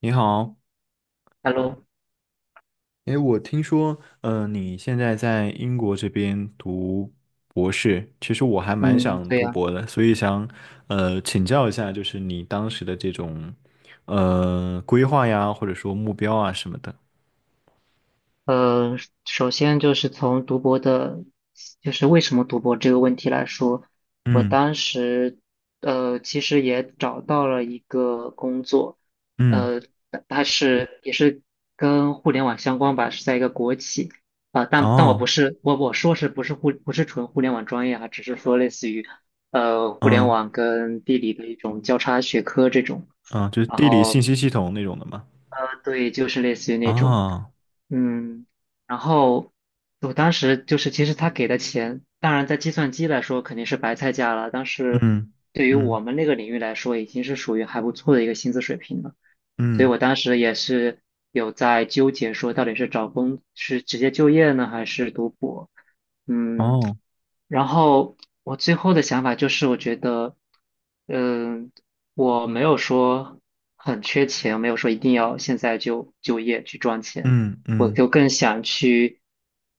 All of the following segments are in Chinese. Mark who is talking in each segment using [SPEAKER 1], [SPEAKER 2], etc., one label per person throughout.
[SPEAKER 1] 你好，
[SPEAKER 2] Hello，
[SPEAKER 1] 哎，我听说，你现在在英国这边读博士，其实我还蛮
[SPEAKER 2] 嗯，
[SPEAKER 1] 想
[SPEAKER 2] 对
[SPEAKER 1] 读
[SPEAKER 2] 呀，
[SPEAKER 1] 博的，所以想，请教一下，就是你当时的这种，规划呀，或者说目标啊什么的。
[SPEAKER 2] 呃，首先就是从读博的，就是为什么读博这个问题来说，我
[SPEAKER 1] 嗯
[SPEAKER 2] 当时，其实也找到了一个工作，
[SPEAKER 1] 嗯。
[SPEAKER 2] 呃，但它也是跟互联网相关吧，是在一个国企，但我不
[SPEAKER 1] 哦。
[SPEAKER 2] 是，我我说不是纯互联网专业啊，只是说类似于，互联
[SPEAKER 1] 嗯
[SPEAKER 2] 网跟地理的一种交叉学科这种。
[SPEAKER 1] 嗯。就是
[SPEAKER 2] 然
[SPEAKER 1] 地理信
[SPEAKER 2] 后
[SPEAKER 1] 息系统那种的嘛。
[SPEAKER 2] 对，就是类似于那种，
[SPEAKER 1] 哦。
[SPEAKER 2] 嗯，然后我当时就是，其实他给的钱，当然在计算机来说肯定是白菜价了，但是
[SPEAKER 1] 嗯
[SPEAKER 2] 对于
[SPEAKER 1] 嗯
[SPEAKER 2] 我们那个领域来说，已经是属于还不错的一个薪资水平了。所以
[SPEAKER 1] 嗯。
[SPEAKER 2] 我当时也是有在纠结，说到底是找工，是直接就业呢，还是读博？嗯，
[SPEAKER 1] 哦。
[SPEAKER 2] 然后我最后的想法就是，我觉得，嗯、我没有说很缺钱，没有说一定要现在就就业去赚钱，
[SPEAKER 1] 嗯
[SPEAKER 2] 我
[SPEAKER 1] 嗯
[SPEAKER 2] 就更想去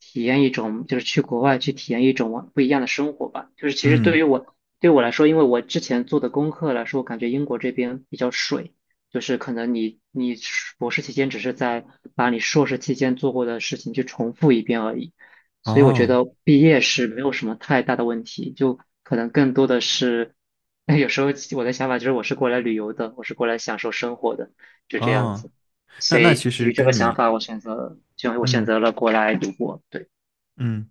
[SPEAKER 2] 体验一种，就是去国外去体验一种不一样的生活吧。就是其实对
[SPEAKER 1] 嗯。
[SPEAKER 2] 于我对我来说，因为我之前做的功课来说，我感觉英国这边比较水。就是可能你硕博士期间只是在把你硕士期间做过的事情去重复一遍而已，所以我觉
[SPEAKER 1] 哦
[SPEAKER 2] 得毕业是没有什么太大的问题，就可能更多的是，有时候我的想法就是我是过来旅游的，我是过来享受生活的，就这样
[SPEAKER 1] 哦。
[SPEAKER 2] 子。
[SPEAKER 1] 那
[SPEAKER 2] 所
[SPEAKER 1] 那
[SPEAKER 2] 以
[SPEAKER 1] 其
[SPEAKER 2] 基
[SPEAKER 1] 实
[SPEAKER 2] 于这个
[SPEAKER 1] 跟
[SPEAKER 2] 想
[SPEAKER 1] 你，
[SPEAKER 2] 法，我选择就我选
[SPEAKER 1] 嗯
[SPEAKER 2] 择了过来读博。对，
[SPEAKER 1] 嗯。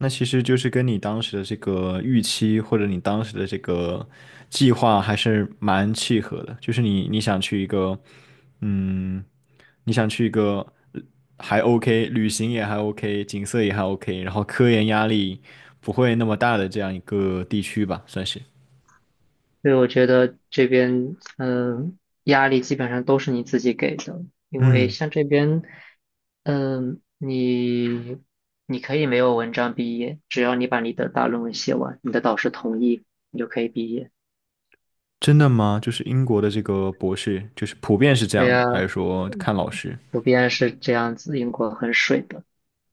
[SPEAKER 1] 那其实就是跟你当时的这个预期或者你当时的这个计划还是蛮契合的，就是你你想去一个，嗯，你想去一个呃还 OK，旅行也还 OK,景色也还 OK，然后科研压力不会那么大的这样一个地区吧，算是。
[SPEAKER 2] 所以我觉得这边压力基本上都是你自己给的，因为
[SPEAKER 1] 嗯。
[SPEAKER 2] 像这边嗯、你你可以没有文章毕业，只要你把你的大论文写完，你的导师同意，你就可以毕业。
[SPEAKER 1] 真的吗？就是英国的这个博士，就是普遍是这
[SPEAKER 2] 对
[SPEAKER 1] 样
[SPEAKER 2] 呀，
[SPEAKER 1] 的，还是说看老师？
[SPEAKER 2] 普遍是这样子，英国很水的。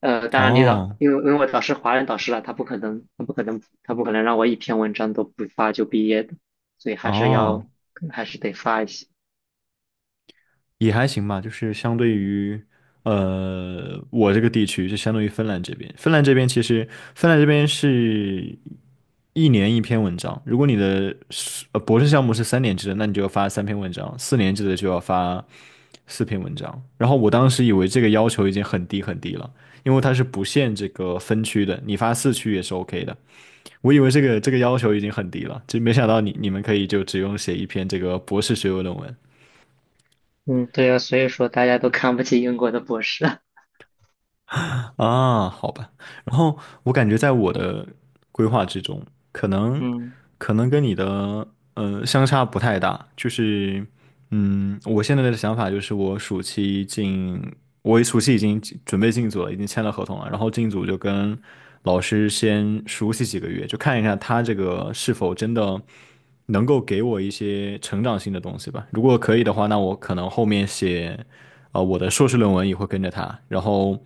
[SPEAKER 2] 当然你导，
[SPEAKER 1] 哦
[SPEAKER 2] 因为我导师华人导师了，他不可能，他不可能，他不可能让我一篇文章都不发就毕业的，所以
[SPEAKER 1] 哦。
[SPEAKER 2] 还是得发一些。
[SPEAKER 1] 也还行吧，就是相对于，我这个地区，就相当于芬兰这边。芬兰这边其实，芬兰这边是一年一篇文章。如果你的是呃博士项目是3年制的，那你就要发3篇文章；4年制的就要发4篇文章。然后我当时以为这个要求已经很低很低了，因为它是不限这个分区的，你发4区也是 OK 的。我以为这个要求已经很低了，就没想到你们可以就只用写一篇这个博士学位论文。
[SPEAKER 2] 嗯，对啊，所以说大家都看不起英国的博士。
[SPEAKER 1] 啊，好吧。然后我感觉在我的规划之中，可能
[SPEAKER 2] 嗯
[SPEAKER 1] 可能跟你的相差不太大。就是我现在的想法就是我一暑期已经准备进组了，已经签了合同了。然后进组就跟老师先熟悉几个月，就看一下他这个是否真的能够给我一些成长性的东西吧。如果可以的话，那我可能后面我的硕士论文也会跟着他。然后，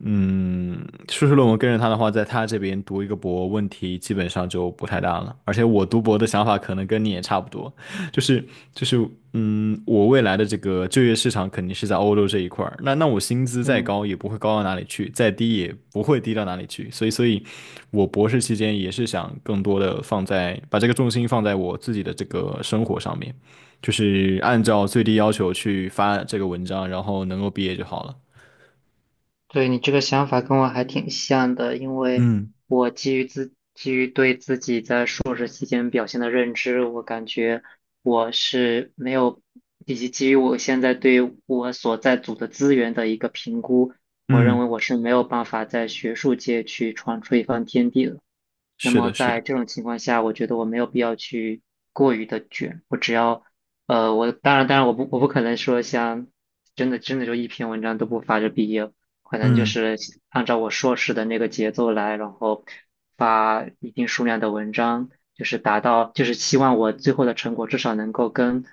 [SPEAKER 1] 嗯，硕士论文跟着他的话，在他这边读一个博，问题基本上就不太大了。而且我读博的想法可能跟你也差不多，就是就是我未来的这个就业市场肯定是在欧洲这一块儿。那我薪资再
[SPEAKER 2] 嗯。
[SPEAKER 1] 高也不会高到哪里去，再低也不会低到哪里去。所以，我博士期间也是想更多的放在把这个重心放在我自己的这个生活上面，就是按照最低要求去发这个文章，然后能够毕业就好了。
[SPEAKER 2] 对，你这个想法跟我还挺像的，因为
[SPEAKER 1] 嗯
[SPEAKER 2] 我基于对自己在硕士期间表现的认知，我感觉我是没有，以及基于我现在对我所在组的资源的一个评估，我认
[SPEAKER 1] 嗯。
[SPEAKER 2] 为我是没有办法在学术界去闯出一番天地的。那
[SPEAKER 1] 是
[SPEAKER 2] 么
[SPEAKER 1] 的，是
[SPEAKER 2] 在
[SPEAKER 1] 的。
[SPEAKER 2] 这种情况下，我觉得我没有必要去过于的卷，我只要，我当然我不可能说像真的真的就一篇文章都不发就毕业，可能就
[SPEAKER 1] 嗯
[SPEAKER 2] 是按照我硕士的那个节奏来，然后发一定数量的文章，就是达到就是希望我最后的成果至少能够跟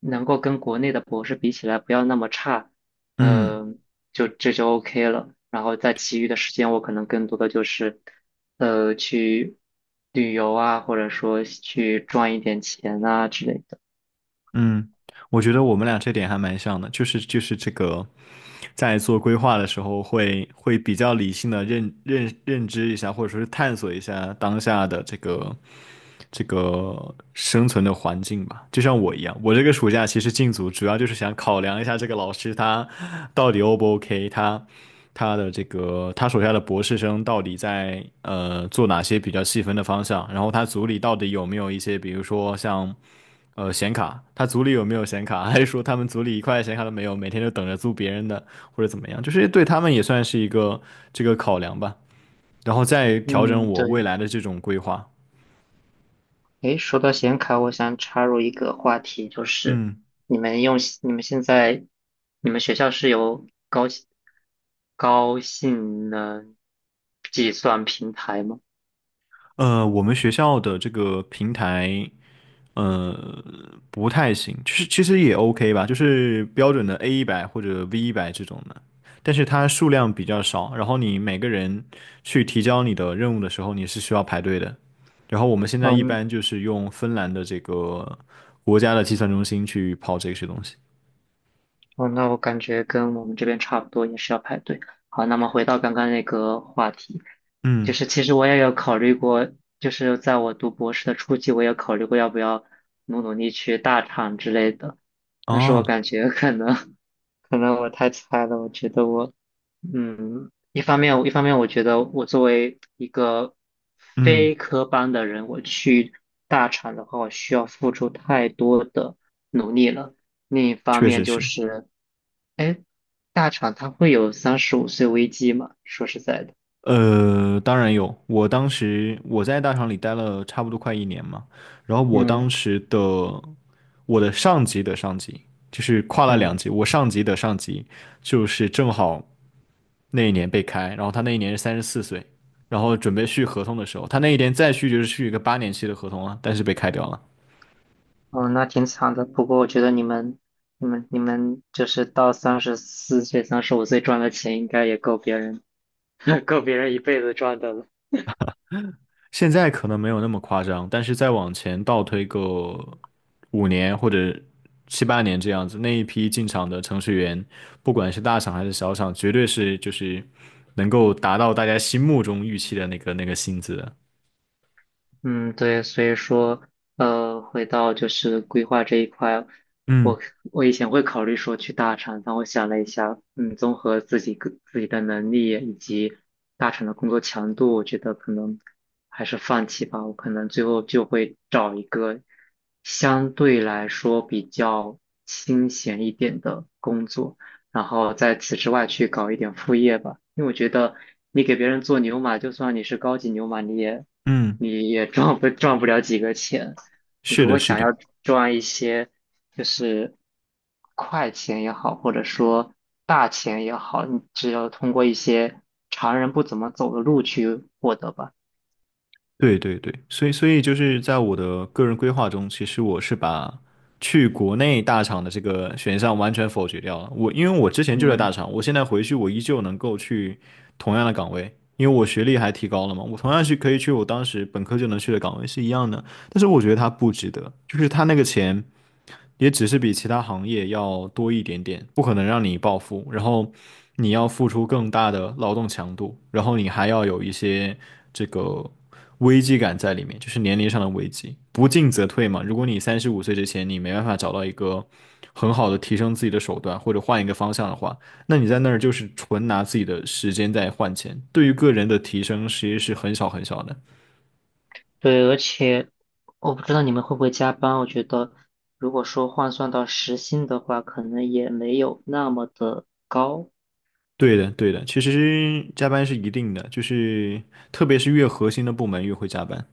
[SPEAKER 2] 能够跟国内的博士比起来不要那么差，
[SPEAKER 1] 嗯。
[SPEAKER 2] 嗯。就这就 OK 了。然后在其余的时间，我可能更多的就是，去旅游啊，或者说去赚一点钱啊之类的。
[SPEAKER 1] 嗯，我觉得我们俩这点还蛮像的，就是这个，在做规划的时候会比较理性的认知一下，或者说是探索一下当下的这个生存的环境吧。就像我一样，我这个暑假其实进组主要就是想考量一下这个老师他到底 O 不 OK，他的这个他手下的博士生到底在做哪些比较细分的方向，然后他组里到底有没有一些比如说像。显卡，他组里有没有显卡？还是说他们组里一块显卡都没有，每天就等着租别人的，或者怎么样？就是对他们也算是一个这个考量吧，然后再调整
[SPEAKER 2] 嗯，
[SPEAKER 1] 我未
[SPEAKER 2] 对。
[SPEAKER 1] 来的这种规划。
[SPEAKER 2] 诶，说到显卡，我想插入一个话题，就是
[SPEAKER 1] 嗯。
[SPEAKER 2] 你们用你们现在你们学校是有高性能计算平台吗？
[SPEAKER 1] 我们学校的这个平台，呃。不太行，就是其实也 OK 吧，就是标准的 A100或者 V100这种的，但是它数量比较少，然后你每个人去提交你的任务的时候，你是需要排队的。然后我们现在一
[SPEAKER 2] 嗯，
[SPEAKER 1] 般就是用芬兰的这个国家的计算中心去跑这些东西。
[SPEAKER 2] 哦，那我感觉跟我们这边差不多，也是要排队。好，那么回到刚刚那个话题，就
[SPEAKER 1] 嗯。
[SPEAKER 2] 是其实我也有考虑过，就是在我读博士的初期，我也考虑过要不要努努力去大厂之类的，但是
[SPEAKER 1] 哦。
[SPEAKER 2] 我感觉可能 可能我太菜了，我觉得一方面我觉得我作为一个
[SPEAKER 1] 嗯。
[SPEAKER 2] 非科班的人，我去大厂的话，我需要付出太多的努力了。另一方
[SPEAKER 1] 确实
[SPEAKER 2] 面就
[SPEAKER 1] 是。
[SPEAKER 2] 是，哎，大厂它会有三十五岁危机吗？说实在的，
[SPEAKER 1] 当然有。我当时我在大厂里待了差不多快一年嘛，然后
[SPEAKER 2] 嗯
[SPEAKER 1] 我的上级的上级就是跨了两
[SPEAKER 2] 嗯，
[SPEAKER 1] 级，我上级的上级就是正好那一年被开，然后他那一年是34岁，然后准备续合同的时候，他那一年再续就是续一个8年期的合同啊，但是被开掉了。
[SPEAKER 2] 哦，那挺惨的。不过我觉得你们就是到34岁、三十五岁赚的钱，应该也够别人 够别人一辈子赚的了。
[SPEAKER 1] 现在可能没有那么夸张，但是再往前倒推个5年或者七八年这样子，那一批进厂的程序员，不管是大厂还是小厂，绝对是就是能够达到大家心目中预期的那个薪资的。
[SPEAKER 2] 嗯，对，所以说，回到就是规划这一块，我
[SPEAKER 1] 嗯
[SPEAKER 2] 我以前会考虑说去大厂，但我想了一下，综合自己的能力以及大厂的工作强度，我觉得可能还是放弃吧。我可能最后就会找一个相对来说比较清闲一点的工作。然后在此之外去搞一点副业吧。因为我觉得你给别人做牛马，就算你是高级牛马，你也
[SPEAKER 1] 嗯，
[SPEAKER 2] 你也赚不了几个钱。你
[SPEAKER 1] 是
[SPEAKER 2] 如
[SPEAKER 1] 的，
[SPEAKER 2] 果
[SPEAKER 1] 是
[SPEAKER 2] 想要
[SPEAKER 1] 的。
[SPEAKER 2] 赚一些就是快钱也好，或者说大钱也好，你只有通过一些常人不怎么走的路去获得吧。
[SPEAKER 1] 对对对。所以就是在我的个人规划中，其实我是把去国内大厂的这个选项完全否决掉了。我因为我之前就在
[SPEAKER 2] 嗯。
[SPEAKER 1] 大厂，我现在回去我依旧能够去同样的岗位，因为我学历还提高了嘛，我同样是可以去我当时本科就能去的岗位是一样的。但是我觉得它不值得，就是它那个钱。也只是比其他行业要多一点点，不可能让你暴富，然后你要付出更大的劳动强度，然后你还要有一些这个危机感在里面，就是年龄上的危机，不进则退嘛。如果你35岁之前你没办法找到一个很好的提升自己的手段，或者换一个方向的话，那你在那儿就是纯拿自己的时间在换钱，对于个人的提升其实是很少很少的。
[SPEAKER 2] 对，而且我不知道你们会不会加班。我觉得，如果说换算到时薪的话，可能也没有那么的高。
[SPEAKER 1] 对的，对的，其实加班是一定的，就是特别是越核心的部门越会加班。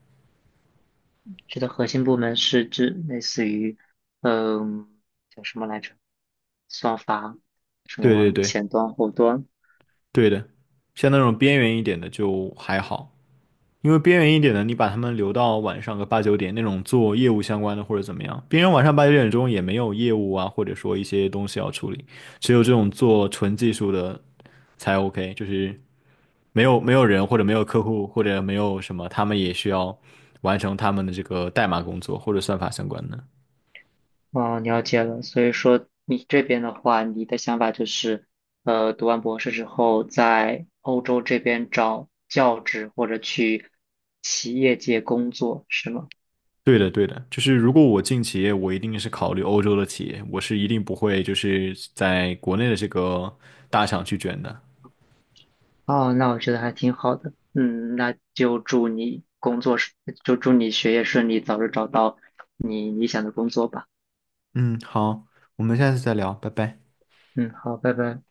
[SPEAKER 2] 觉得核心部门是指类似于，嗯，叫什么来着？算法，什
[SPEAKER 1] 对对
[SPEAKER 2] 么
[SPEAKER 1] 对，
[SPEAKER 2] 前端、后端？
[SPEAKER 1] 对的，像那种边缘一点的就还好，因为边缘一点的，你把他们留到晚上个八九点，那种做业务相关的或者怎么样，别人晚上8、9点钟也没有业务啊，或者说一些东西要处理，只有这种做纯技术的才 OK，就是没有人或者没有客户或者没有什么，他们也需要完成他们的这个代码工作或者算法相关的。
[SPEAKER 2] 哦，了解了。所以说，你这边的话，你的想法就是，读完博士之后，在欧洲这边找教职或者去企业界工作，是吗？
[SPEAKER 1] 对的，对的，就是如果我进企业，我一定是考虑欧洲的企业，我是一定不会就是在国内的这个大厂去卷的。
[SPEAKER 2] 哦，那我觉得还挺好的。嗯，那就祝你工作顺，就祝你学业顺利，早日找到你理想的工作吧。
[SPEAKER 1] 嗯，好，我们下次再聊，拜拜。
[SPEAKER 2] 嗯，好，拜拜。